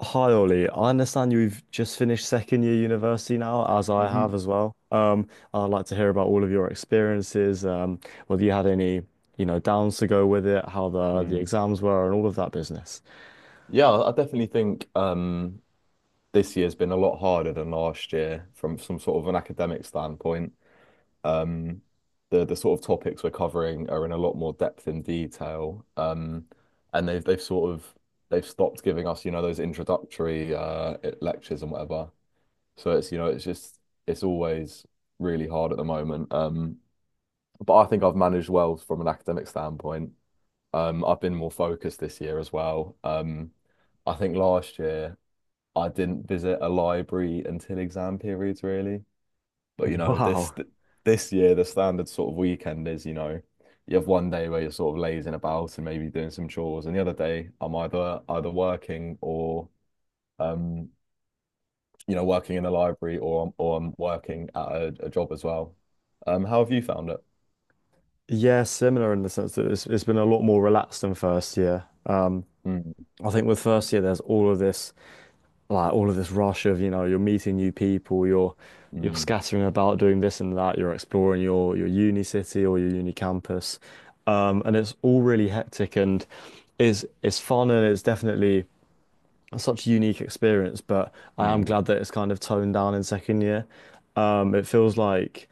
Hi Ollie, I understand you've just finished second year university now, as I have Hmm. as well. I'd like to hear about all of your experiences, whether you had any, you know, downs to go with it, how the Mm. exams were, and all of that business. Yeah, I definitely think this year's been a lot harder than last year from some sort of an academic standpoint. Um, the sort of topics we're covering are in a lot more depth and detail. And they've sort of they've stopped giving us, you know, those introductory lectures and whatever. So it's you know it's just it's always really hard at the moment. But I think I've managed well from an academic standpoint. I've been more focused this year as well. I think last year I didn't visit a library until exam periods, really. But you know, Wow. This year the standard sort of weekend is, you know, you have one day where you're sort of lazing about and maybe doing some chores, and the other day I'm either working or um, working in a library, or I'm working at a job as well. How have you found it? Yeah, similar in the sense that it's been a lot more relaxed than first year. Mm, I think with first year, there's all of this. Like all of this rush of, you know, you're meeting new people, you're mm, scattering about doing this and that, you're exploring your uni city or your uni campus. And it's all really hectic and is it's fun and it's definitely such a unique experience, but I am mm, glad that it's kind of toned down in second year. It feels like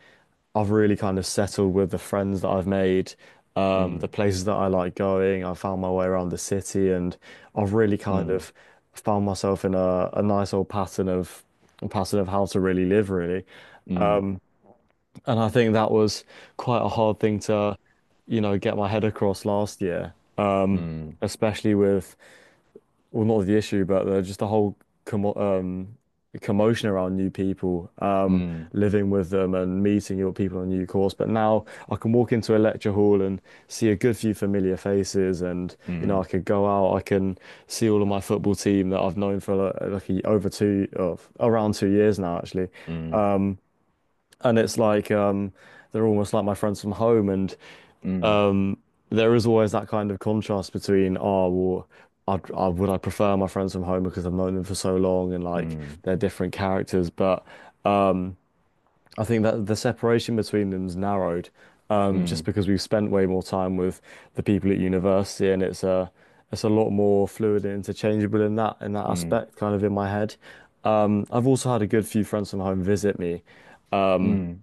I've really kind of settled with the friends that I've made, mm, the places that I like going. I found my way around the city, and I've really kind mm, of found myself in a nice old pattern of how to really live, really. mm, And I think that was quite a hard thing to, you know, get my head across last year, mm, especially with, well, not the issue, but just the whole commo um, commotion around new people, mm. living with them and meeting your people on a new course. But now I can walk into a lecture hall and see a good few familiar faces, and you know I could go out, I can see all of my football team that I've known for like a- over two of around 2 years now, actually, and it's like they're almost like my friends from home, and 嗯嗯嗯嗯mm, um, there is always that kind of contrast between, oh, well, I'd, I would I prefer my friends from home because I've known them for so long and like they're different characters. But I think that the separation between them's narrowed, just mm, because we've spent way more time with the people at university and it's a lot more fluid and interchangeable in that mm, mm, aspect, kind of in my head. I've also had a good few friends from home visit me. Um, mm,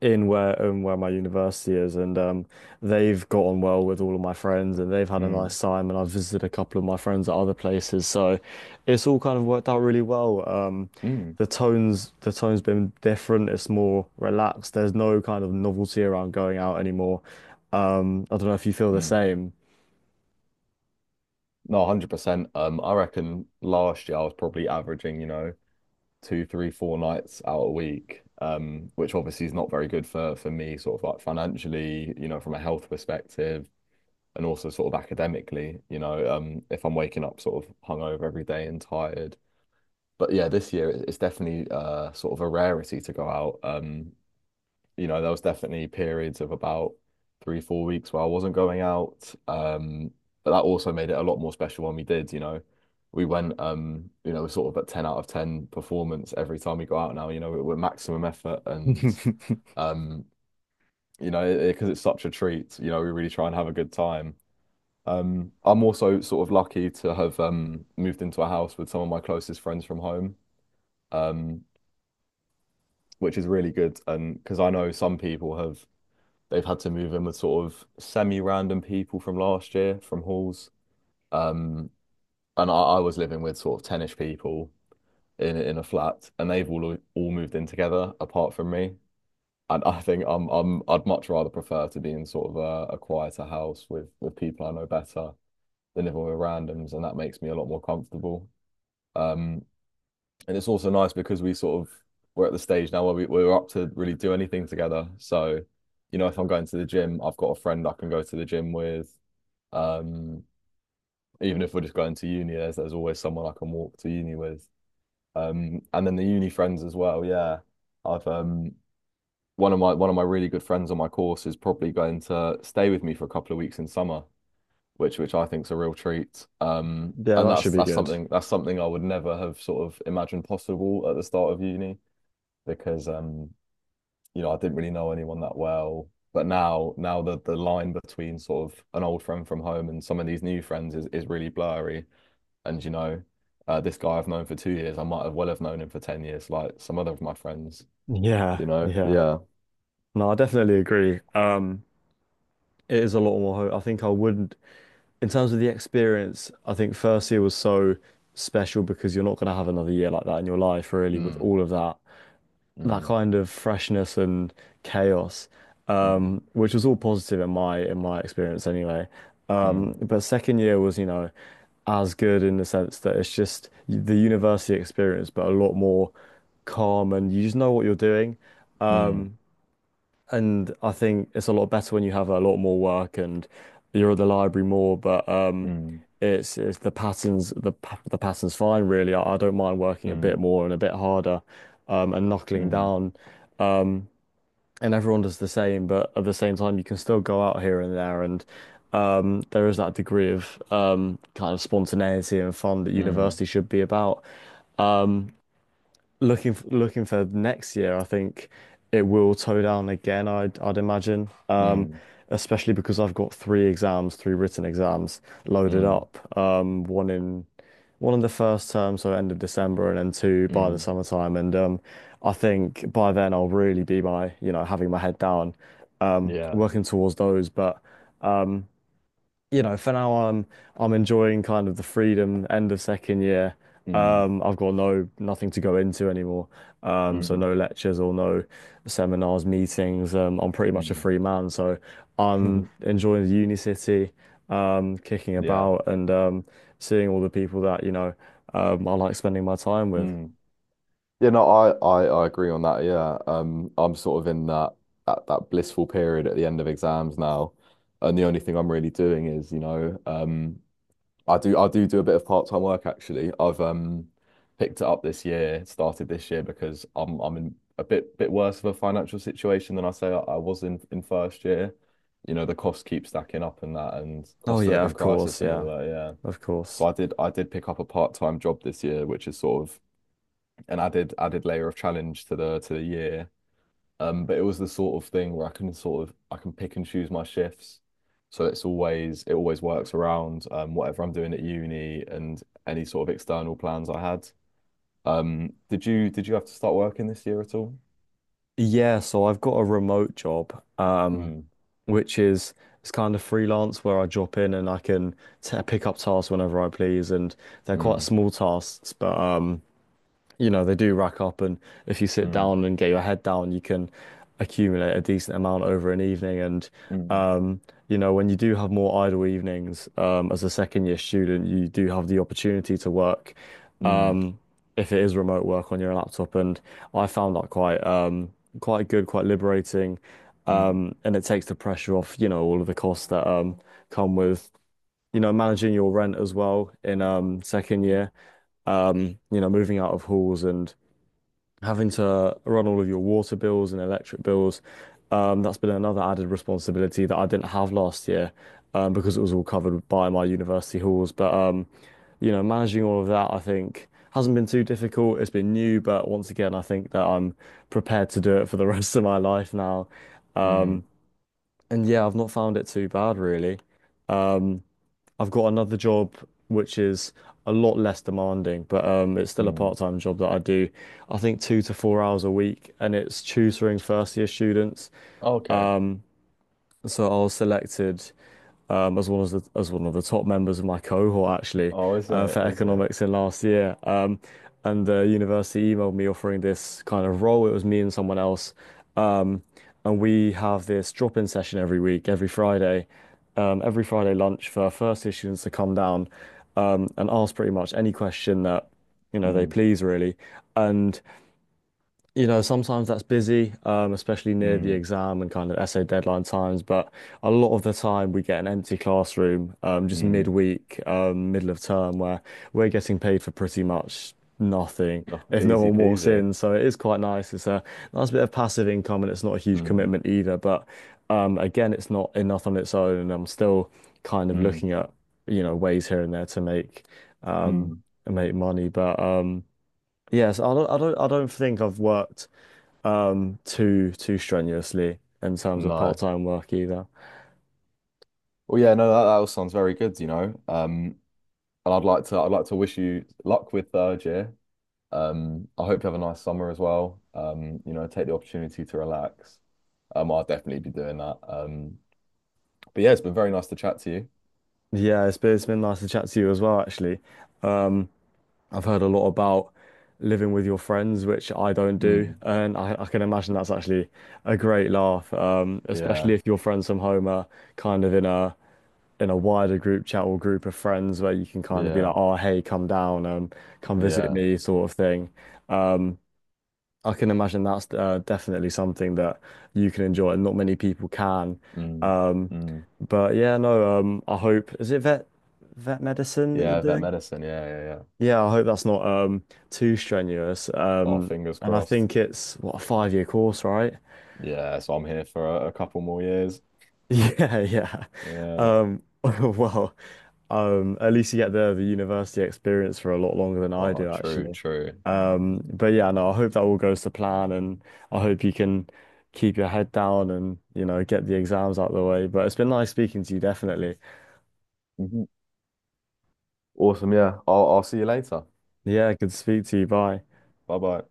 in where my university is, and they've got on well with all of my friends, and they've had mm. a Mm, mm, nice time, and I've visited a couple of my friends at other places, so it's all kind of worked out really well. Um, mm, the tone's the tone's been different. It's more relaxed. There's no kind of novelty around going out anymore. I don't know if you feel the mm. same. No, 100%. I reckon last year I was probably averaging, you know, two, three, four nights out a week, which obviously is not very good for me, sort of like financially, you know, from a health perspective, and also sort of academically, you know, if I'm waking up sort of hungover every day and tired. But yeah, this year it's definitely sort of a rarity to go out. There was definitely periods of about three, 4 weeks where I wasn't going out. But that also made it a lot more special when we did, you know. We went, sort of at 10 out of 10 performance every time we go out now, you know, we're maximum effort and, um, you know, because it's such a treat, you know, we really try and have a good time. I'm also sort of lucky to have moved into a house with some of my closest friends from home, um, which is really good. And because I know some people have they've had to move in with sort of semi-random people from last year from halls. Um, and I was living with sort of 10-ish people in a flat, and they've all moved in together apart from me. And I think I'd much rather prefer to be in sort of a quieter house with people I know better than if we were randoms, and that makes me a lot more comfortable. Um, and it's also nice because we sort of we're at the stage now where we're up to really do anything together. So, you know, if I'm going to the gym, I've got a friend I can go to the gym with. Um, Even if we're just going to uni, there's always someone I can walk to uni with. And then the uni friends as well. Yeah, I've one of my really good friends on my course is probably going to stay with me for a couple of weeks in summer, which I think's a real treat. Yeah, And that should be good. That's something I would never have sort of imagined possible at the start of uni because you know, I didn't really know anyone that well. But now the line between sort of an old friend from home and some of these new friends is really blurry. And you know, this guy I've known for 2 years, I might have well have known him for 10 years, like some other of my friends. Yeah, You know, yeah. yeah. No, I definitely agree. It is a lot more. Ho- I think I would. In terms of the experience, I think first year was so special because you're not going to have another year like that in your life, really, with Mm, all of that mm, kind of freshness and chaos, mm, which was all positive in my experience anyway. mm, But second year was, you know, as good in the sense that it's just the university experience, but a lot more calm and you just know what you're doing. mm, Um, and I think it's a lot better when you have a lot more work and you're at the library more, but mm, it's the patterns the pa- the pattern's fine really. I don't mind working a mm, bit more and a bit harder and knuckling mm, down. Um, And everyone does the same, but at the same time you can still go out here and there is that degree of kind of spontaneity and fun that mm, university should be about looking for next year. I think it will toe down again. I'd imagine, mm, especially because I've got three exams, three written exams loaded mm, up. One in the first term, so end of December, and then two by the mm, summertime. And I think by then I'll really be my you know having my head down, yeah. working towards those, but. um, you know, for now I'm enjoying kind of the freedom end of second year. Mm, I've got nothing to go into anymore. So mm, no lectures or no seminars, meetings. I'm pretty much a free man, so I'm mm. enjoying the uni city, kicking Yeah. about and seeing all the people that, you know, I like spending my time with. Mm. Yeah, no, I agree on that. Yeah, I'm sort of in that blissful period at the end of exams now, and the only thing I'm really doing is, you know, I do a bit of part-time work actually. I've picked it up this year, started this year because I'm in a bit worse of a financial situation than I was in first year. You know, the costs keep stacking up and that, and Oh cost of yeah, living of course, crisis and yeah, all that. Yeah, of so course. I did pick up a part-time job this year, which is sort of and added layer of challenge to the year. But it was the sort of thing where I can pick and choose my shifts, so it always works around whatever I'm doing at uni and any sort of external plans I had. Did you have to start working this year at all? Yeah, so I've got a remote job. Mm, Which is it's kind of freelance where I drop in and I can t pick up tasks whenever I please, and they're quite mm, small tasks, but you know, they do rack up, and if you sit mm, down and get your head down, you can accumulate a decent amount over an evening. And mm, um, you know, when you do have more idle evenings, as a second year student, you do have the opportunity to work, mm, um, if it is remote work on your laptop. And I found that quite quite good, quite liberating. mm, And it takes the pressure off, you know, all of the costs that come with, you know, managing your rent as well in second year, you know, moving out of halls and having to run all of your water bills and electric bills. That's been another added responsibility that I didn't have last year, because it was all covered by my university halls. But you know, managing all of that, I think, hasn't been too difficult. It's been new, but once again, I think that I'm prepared to do it for the rest of my life now. mm, Um, and yeah, I've not found it too bad really. Um, I've got another job which is a lot less demanding, but it's still a mm. part-time job that I do. I think 2 to 4 hours a week, and it's tutoring first-year students. Okay. So I was selected as one of the top members of my cohort, actually, Oh, is for it? Is it? economics, in last year. And the university emailed me offering this kind of role. It was me and someone else, um, and we have this drop-in session every week, every Friday lunch for first year students to come down, and ask pretty much any question that, you know, they Mm, please, really, and. You know, sometimes that's busy, especially near the mm, exam and kind of essay deadline times. But a lot of the time, we get an empty classroom, just mm. midweek, middle of term, where we're getting paid for pretty much nothing Oh, if no easy one walks peasy. in. So it is quite nice. It's a nice bit of passive income, and it's not a huge Mm, commitment either. But again, it's not enough on its own, and I'm still kind of mm, looking at, you know, ways here and there to make, um, mm. make money. But yes, I don't think I've worked too strenuously in terms of No. part-time work either. Well, yeah, no, that all sounds very good, you know. And I'd like to wish you luck with third year. I hope you have a nice summer as well. You know, take the opportunity to relax. I'll definitely be doing that. But yeah, it's been very nice to chat to you. Yeah, it's been nice to chat to you as well, actually. Um, I've heard a lot about living with your friends, which I don't do, Mm, and I can imagine that's actually a great laugh, especially yeah, if your friends from home are kind of in a wider group chat or group of friends where you can kind of be like, yeah, oh, hey, come down, come visit yeah. me, sort of thing. Um, I can imagine that's definitely something that you can enjoy and not many people can. Mm, Um, mm. but yeah, no, I hope, is it vet medicine that you're Yeah, vet doing? medicine. Yeah, yeah, yeah. Yeah, I hope that's not too strenuous. Oh, fingers And I crossed. think it's what, a 5-year course, right? Yeah, so I'm here for a couple more years. Yeah, yeah. Yeah. Well, at least you get the university experience for a lot longer than I Oh, do, true, actually. true. But yeah, no, I hope that all goes to plan, and I hope you can keep your head down and you know get the exams out of the way. But it's been nice speaking to you, definitely. Mhm. Awesome. Yeah, I'll see you later. Yeah, good to speak to you. Bye. Bye bye.